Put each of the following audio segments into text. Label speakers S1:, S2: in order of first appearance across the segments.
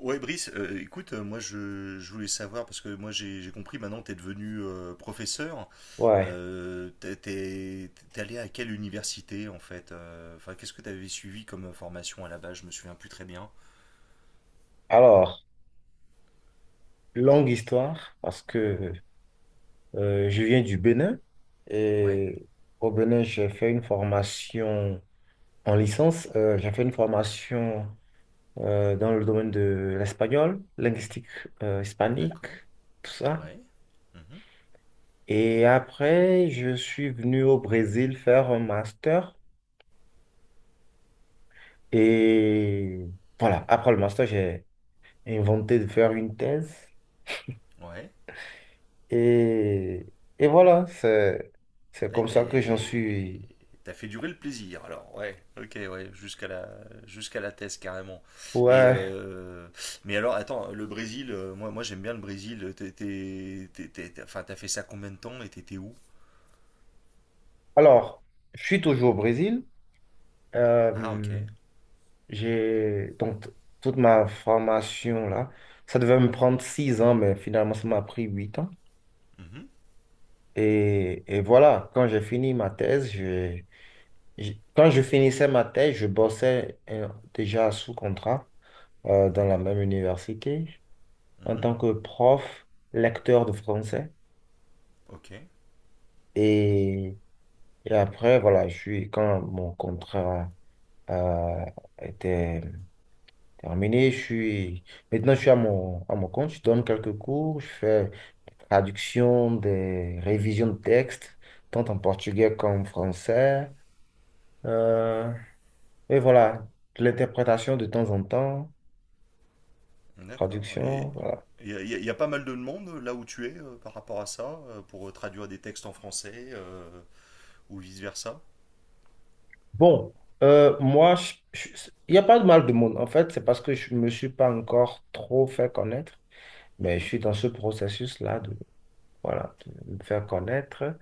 S1: Ouais, Brice, écoute, moi je voulais savoir, parce que moi j'ai compris, maintenant tu es devenu professeur,
S2: Ouais.
S1: t'es allé à quelle université en fait Enfin, qu'est-ce que tu avais suivi comme formation à la base? Je me souviens plus très bien.
S2: Alors, longue histoire, parce que je viens du Bénin
S1: Ouais,
S2: et au Bénin, j'ai fait une formation en licence. J'ai fait une formation dans le domaine de l'espagnol, linguistique hispanique,
S1: d'accord,
S2: tout ça.
S1: ouais, mhm,
S2: Et après, je suis venu au Brésil faire un master. Et voilà, après le master, j'ai inventé de faire une thèse.
S1: ouais,
S2: Et, et voilà, c'est
S1: Ah,
S2: comme ça que j'en suis.
S1: t'as fait durer le plaisir, alors, ouais, ok, ouais, jusqu'à la thèse, carrément. Et
S2: Ouais.
S1: mais alors, attends, le Brésil, moi, moi j'aime bien le Brésil. T'as fait ça combien de temps et t'étais où?
S2: Alors, je suis toujours au Brésil.
S1: Ah,
S2: Euh,
S1: ok.
S2: j'ai donc toute ma formation là. Ça devait me prendre 6 ans, mais finalement, ça m'a pris 8 ans.
S1: Mhm.
S2: Et voilà, quand j'ai fini ma thèse, quand je finissais ma thèse, je bossais déjà sous contrat dans la
S1: D'accord.
S2: même université en
S1: Mhm.
S2: tant que prof, lecteur de français.
S1: Ok.
S2: Et après, voilà, quand mon contrat a été terminé, maintenant je suis à mon compte, je donne quelques cours, je fais traduction des révisions de textes, tant en portugais qu'en français. Euh, et voilà, de l'interprétation de temps en temps,
S1: D'accord. Et
S2: traduction, voilà.
S1: il y a pas mal de monde là où tu es par rapport à ça, pour traduire des textes en français ou vice-versa.
S2: Bon, moi, il n'y a pas de mal de monde. En fait, c'est parce que je ne me suis pas encore trop fait connaître, mais je
S1: Mhm.
S2: suis dans ce processus-là voilà, de me faire connaître.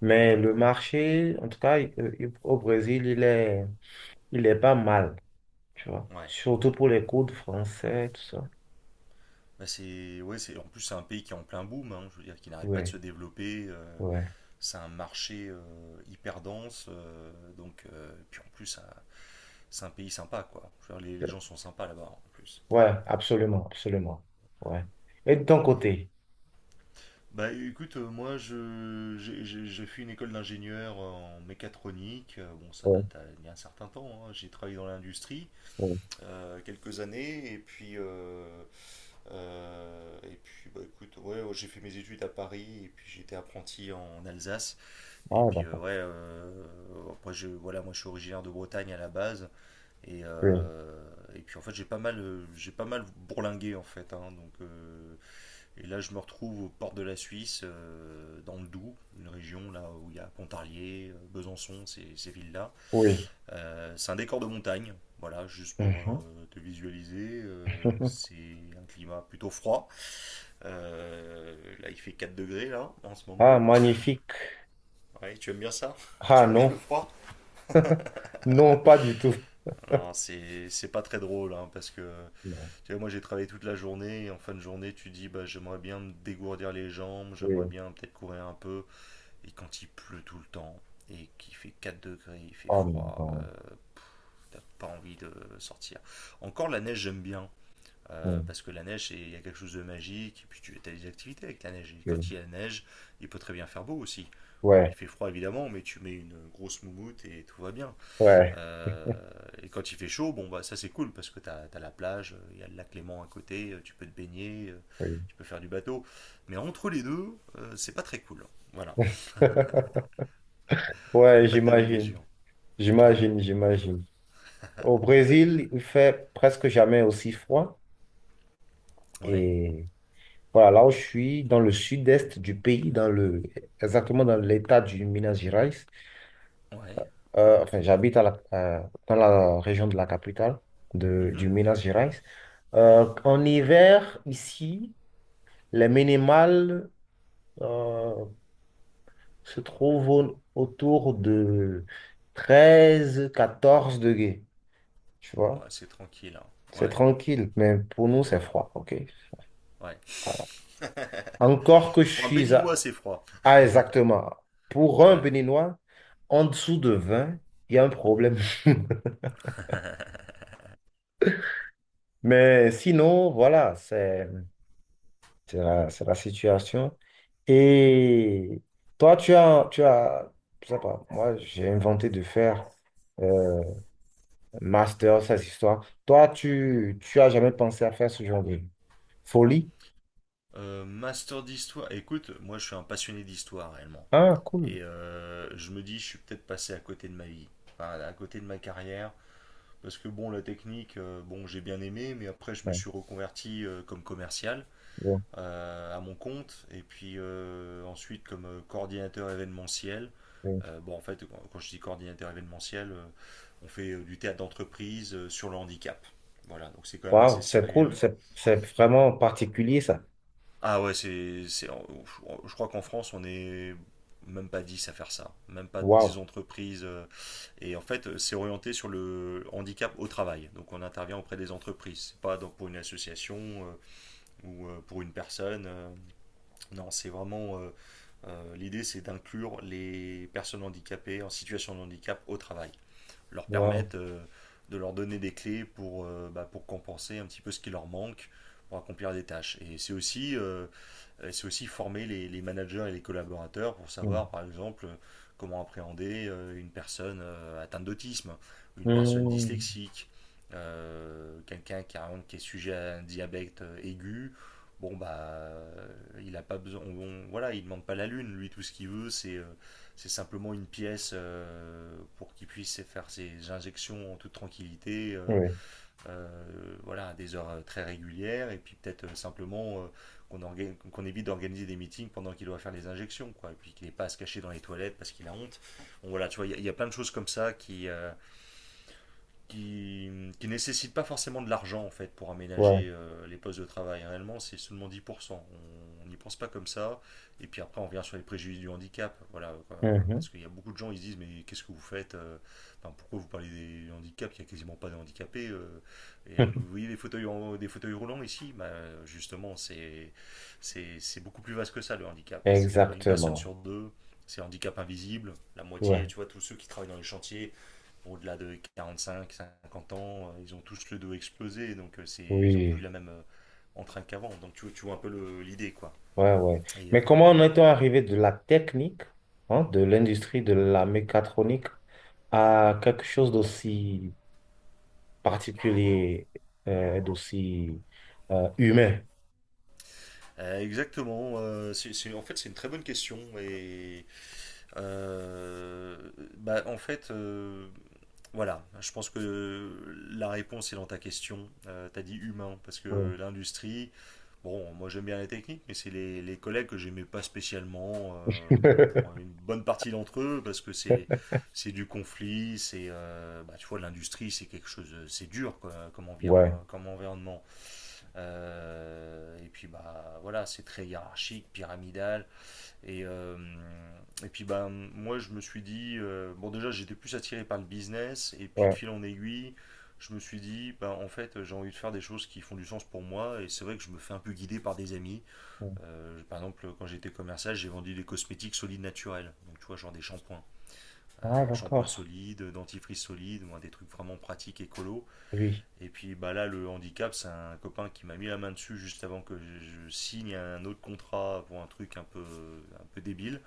S2: Mais le
S1: D'accord.
S2: marché, en tout cas, au Brésil, il est pas mal, tu vois.
S1: Ouais.
S2: Surtout pour les cours de français, tout ça.
S1: Bah, c'est, ouais, c'est, en plus, c'est un pays qui est en plein boom, hein, je veux dire, qui n'arrête pas de
S2: Ouais,
S1: se développer.
S2: ouais.
S1: C'est un marché hyper dense. Donc, puis en plus, c'est un pays sympa, quoi. Je veux dire, les gens sont sympas là-bas, en plus.
S2: Ouais, absolument, absolument. Ouais. Et de ton côté?
S1: Bah écoute, moi, j'ai fait une école d'ingénieur en mécatronique. Bon, ça
S2: Oui,
S1: il y a un certain temps, hein. J'ai travaillé dans l'industrie
S2: oui.
S1: quelques années. Et puis, écoute, ouais, ouais, j'ai fait mes études à Paris. Et puis, j'étais apprenti en Alsace. Et
S2: Ah,
S1: puis
S2: d'accord.
S1: ouais, après je, voilà, moi je suis originaire de Bretagne à la base et,
S2: Oui,
S1: euh, et puis en fait j'ai pas mal bourlingué en fait, hein, donc et là je me retrouve aux portes de la Suisse, dans le Doubs, une région là où il y a Pontarlier, Besançon, ces villes-là.
S2: oui.
S1: C'est un décor de montagne, voilà, juste pour
S2: Mhm.
S1: te visualiser, c'est un climat plutôt froid. Là il fait 4 degrés là en ce
S2: Ah,
S1: moment.
S2: magnifique.
S1: Ouais, tu aimes bien ça?
S2: Ah,
S1: Tu aimes bien le
S2: non.
S1: froid?
S2: Non, pas du tout.
S1: Alors, c'est pas très drôle, hein, parce que
S2: Non.
S1: tu vois, moi j'ai travaillé toute la journée et en fin de journée, tu dis bah, j'aimerais bien me dégourdir les jambes, j'aimerais
S2: Oui.
S1: bien peut-être courir un peu. Et quand il pleut tout le temps et qu'il fait 4 degrés, il fait
S2: Oh,
S1: froid,
S2: non.
S1: pff, t'as pas envie de sortir. Encore la neige, j'aime bien.
S2: Mm,
S1: Parce que la neige, il y a quelque chose de magique, et puis tu as des activités avec la neige. Et
S2: oui.
S1: quand il y a neige, il peut très bien faire beau aussi. Bon,
S2: Ouais,
S1: il fait froid évidemment, mais tu mets une grosse moumoute et tout va bien.
S2: ouais,
S1: Et quand il fait chaud, bon, bah, ça c'est cool parce que tu as, la plage, il y a le lac Léman à côté, tu peux te baigner,
S2: oui.
S1: tu peux faire du bateau. Mais entre les deux, c'est pas très cool, hein. Voilà, il n'y a
S2: Ouais,
S1: pas de
S2: j'imagine.
S1: demi-mesure. Ouais,
S2: J'imagine, j'imagine. Au Brésil, il fait presque jamais aussi froid.
S1: ouais,
S2: Et voilà, là où je suis, dans le sud-est du pays, exactement dans l'état du Minas Gerais.
S1: ouais.
S2: Enfin, j'habite dans la région de la capitale
S1: Mhm,
S2: du Minas Gerais.
S1: mhm.
S2: En hiver, ici, les minimales euh, se trouvent autour de 13, 14 degrés. Tu vois?
S1: Ouais, c'est tranquille, hein.
S2: C'est
S1: Ouais,
S2: tranquille, mais pour nous, c'est
S1: ouais,
S2: froid, ok?
S1: ouais.
S2: Voilà. Encore que je
S1: Pour un
S2: suis
S1: béninois, c'est froid.
S2: à exactement, pour un
S1: Ouais.
S2: Béninois, en dessous de 20, il y a un
S1: Mhm.
S2: problème. Mais sinon, voilà, c'est la situation. Et toi, tu as, je sais pas, moi, j'ai inventé de faire euh, un master, ces histoires. Toi, tu as jamais pensé à faire ce genre de folie?
S1: Master d'histoire. Écoute, moi je suis un passionné d'histoire réellement.
S2: Ah, cool.
S1: Et je me dis, je suis peut-être passé à côté de ma vie, enfin, à côté de ma carrière. Parce que bon, la technique, bon, j'ai bien aimé, mais après, je me
S2: Ouais,
S1: suis reconverti comme commercial
S2: ouais,
S1: à mon compte, et puis ensuite comme coordinateur événementiel.
S2: ouais.
S1: Bon, en fait, je dis coordinateur événementiel, on fait du théâtre d'entreprise sur le handicap. Voilà, donc c'est quand même
S2: Waouh,
S1: assez
S2: c'est cool,
S1: sérieux.
S2: c'est vraiment particulier ça.
S1: Ah ouais, c'est, je crois qu'en France, on est même pas 10 à faire ça, même pas
S2: Waouh.
S1: 10 entreprises. Et en fait, c'est orienté sur le handicap au travail. Donc on intervient auprès des entreprises, c'est pas donc pour une association euh, ou pour une personne. Non, c'est vraiment l'idée, c'est d'inclure les personnes handicapées en situation de handicap au travail, leur
S2: Wow.
S1: permettre de leur donner des clés pour, bah, pour compenser un petit peu ce qui leur manque pour accomplir des tâches. Et c'est aussi former les managers et les collaborateurs pour
S2: Mm.
S1: savoir, par exemple, comment appréhender une personne atteinte d'autisme, une personne
S2: Mm.
S1: dyslexique, quelqu'un qui est sujet à un diabète aigu. Bon, bah, il a pas besoin. Voilà, il demande pas la lune. Lui, tout ce qu'il veut, c'est c'est simplement une pièce pour qu'il puisse faire ses injections en toute tranquillité.
S2: Oui,
S1: Euh, voilà, à des heures très régulières, et puis peut-être simplement qu'on qu'on évite d'organiser des meetings pendant qu'il doit faire les injections, quoi, et puis qu'il n'ait pas à se cacher dans les toilettes parce qu'il a honte. Bon, voilà, tu vois, il y a plein de choses comme ça qui, qui, qui nécessitent pas forcément de l'argent en fait pour aménager
S2: ouais.
S1: les postes de travail. Réellement, c'est seulement 10%. On n'y pense pas comme ça. Et puis après, on revient sur les préjudices du handicap. Voilà, quoi.
S2: Mhm.
S1: Parce qu'il y a beaucoup de gens, ils se disent mais qu'est-ce que vous faites? Enfin, pourquoi vous parlez des handicaps? Il n'y a quasiment pas de handicapés, et, vous voyez des fauteuils roulants ici? Bah, justement, beaucoup plus vaste que ça le handicap. C'est une personne
S2: Exactement.
S1: sur deux. C'est handicap invisible, la moitié,
S2: Ouais.
S1: tu vois, tous ceux qui travaillent dans les chantiers, au-delà de 45, 50 ans, ils ont tous le dos explosé, donc c'est, ils ont plus
S2: Oui.
S1: la même entrain qu'avant. Donc tu vois un peu le, l'idée, quoi.
S2: Ouais, ouais.
S1: Et
S2: Mais comment en
S1: voilà.
S2: est-on arrivé de la technique, hein, de l'industrie de la mécatronique à quelque chose d'aussi particulier, d'aussi humain?
S1: Exactement. En fait, c'est une très bonne question. Et Euh, bah, en fait, voilà, je pense que la réponse est dans ta question. T'as dit humain, parce
S2: Oui.
S1: que l'industrie, bon, moi j'aime bien la technique, mais c'est les collègues que j'aimais pas spécialement, bon, pour une bonne partie d'entre eux, parce que c'est du conflit, c'est, bah, tu vois, l'industrie, c'est quelque chose, c'est dur quoi, comme,
S2: Ouais,
S1: comme environnement. Et puis, bah, voilà, c'est très hiérarchique, pyramidal. Et, euh, et puis bah, moi je me suis dit, bon déjà j'étais plus attiré par le business, et puis de
S2: ouais.
S1: fil en aiguille, je me suis dit, bah, en fait j'ai envie de faire des choses qui font du sens pour moi, et c'est vrai que je me fais un peu guider par des amis. Par exemple quand j'étais commercial j'ai vendu des cosmétiques solides naturels, donc tu vois genre des shampoings,
S2: Ah,
S1: Shampoings
S2: d'accord.
S1: solides, dentifrice solide, moi, des trucs vraiment pratiques, écolo.
S2: Oui.
S1: Et puis bah, là le handicap c'est un copain qui m'a mis la main dessus juste avant que je signe un autre contrat pour un truc un peu débile.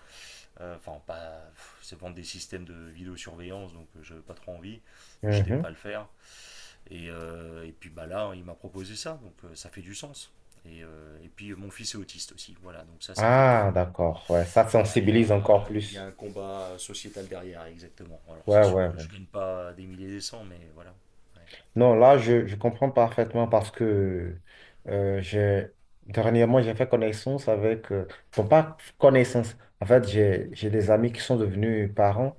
S1: Enfin, pas. C'est vendre des systèmes de vidéosurveillance, donc je j'avais pas trop envie, mais j'étais
S2: Mhm.
S1: prêt à le faire. Et puis bah là, hein, il m'a proposé ça, donc ça fait du sens. Et puis mon fils est autiste aussi, voilà, donc ça fait que.
S2: Ah, d'accord. Ouais, ça
S1: Voilà,
S2: sensibilise encore
S1: il y a un
S2: plus.
S1: combat sociétal derrière, exactement. Alors
S2: Ouais,
S1: c'est sûr
S2: ouais,
S1: que je
S2: ouais.
S1: gagne pas des milliers et des cents, mais voilà. Ouais.
S2: Non, là, je comprends parfaitement parce que j'ai dernièrement, j'ai fait connaissance avec, bon, pas connaissance, en fait, j'ai des amis qui sont devenus parents,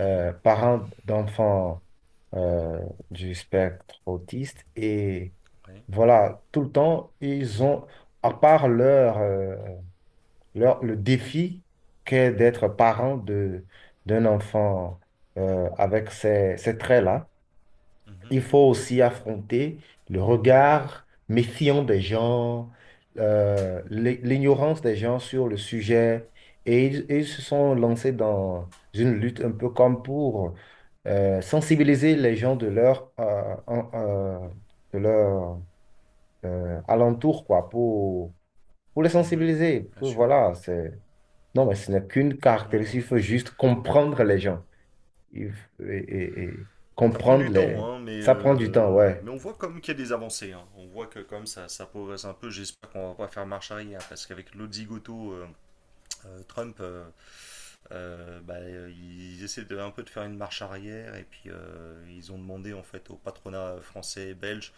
S1: Mhm,
S2: parents d'enfants euh, du spectre autiste. Et
S1: ouais,
S2: voilà, tout le temps, à part leur le défi qu'est
S1: mhm,
S2: d'être parent d'un enfant avec ces traits-là,
S1: mhm,
S2: il faut aussi affronter le regard méfiant des gens, l'ignorance des gens sur le sujet. Et ils se sont lancés dans une lutte un peu comme pour sensibiliser les gens de de leur alentour, quoi, pour les
S1: mhm,
S2: sensibiliser.
S1: bien
S2: Que
S1: sûr.
S2: voilà, c'est... Non, mais ce n'est qu'une
S1: Ouais, ouais,
S2: caractéristique, il
S1: ouais.
S2: faut juste comprendre les gens et
S1: Ça prend
S2: comprendre
S1: du temps,
S2: les...
S1: hein, mais,
S2: Ça prend du temps,
S1: euh,
S2: ouais.
S1: mais on voit quand même qu'il y a des avancées, hein. On voit que comme ça progresse un peu. J'espère qu'on va pas faire marche arrière, parce qu'avec l'autre zigoto, Trump, ils essaient de, un peu de faire une marche arrière, et puis ils ont demandé en fait au patronat français et belge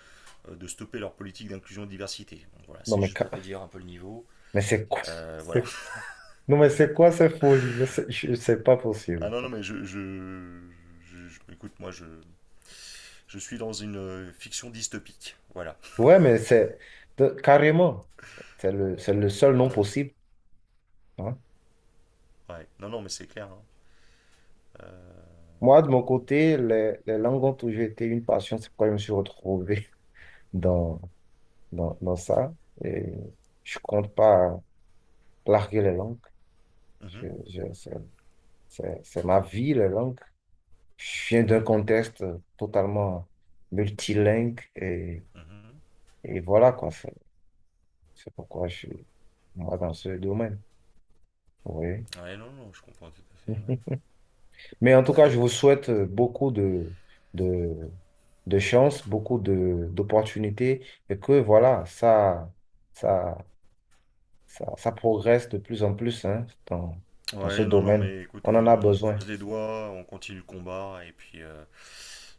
S1: de stopper leur politique d'inclusion et de diversité. Donc voilà,
S2: Non,
S1: c'est
S2: mais,
S1: juste pour te dire un peu le niveau.
S2: mais c'est quoi?
S1: Voilà.
S2: c'est- Non, mais c'est quoi cette folie? Mais c'est pas
S1: Ah
S2: possible,
S1: non, non,
S2: quoi.
S1: mais écoute, moi, je suis dans une fiction dystopique. Voilà.
S2: Ouais, mais carrément. C'est le seul nom
S1: Ouais.
S2: possible, hein.
S1: Ouais. Non, non, mais c'est clair, hein. Euh,
S2: Moi, de mon côté, les langues ont toujours été une passion. C'est pourquoi je me suis retrouvé dans, dans ça. Et je compte pas larguer les langues. Je-
S1: mhm,
S2: je- c'est c'est ma vie, la langue. Je viens d'un
S1: ouais.
S2: contexte totalement multilingue
S1: Mhm.
S2: et voilà quoi. C'est pourquoi je suis moi dans ce domaine. Oui.
S1: Ouais, non, non, je comprends tout à fait.
S2: Mais en tout cas, je vous souhaite beaucoup de, de chance, beaucoup d'opportunités et que voilà, ça, ça progresse de plus en plus hein,
S1: Ouais,
S2: dans ce
S1: ouais, non, non,
S2: domaine.
S1: mais écoute,
S2: On en a
S1: on
S2: besoin.
S1: croise les doigts, on continue le combat,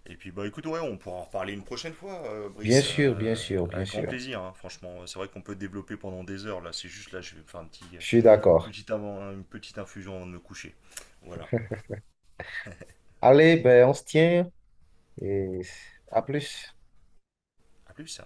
S1: et puis bah écoute, ouais, on pourra en reparler une prochaine fois,
S2: Bien
S1: Brice,
S2: sûr, bien sûr, bien
S1: avec grand
S2: sûr.
S1: plaisir, hein, franchement. C'est vrai qu'on peut développer pendant des heures, là, c'est juste là, je vais me faire un petit,
S2: Je suis
S1: une
S2: d'accord.
S1: petite avant, une petite infusion avant de me coucher. Voilà,
S2: Allez, ben, on se tient et à plus.
S1: à plus.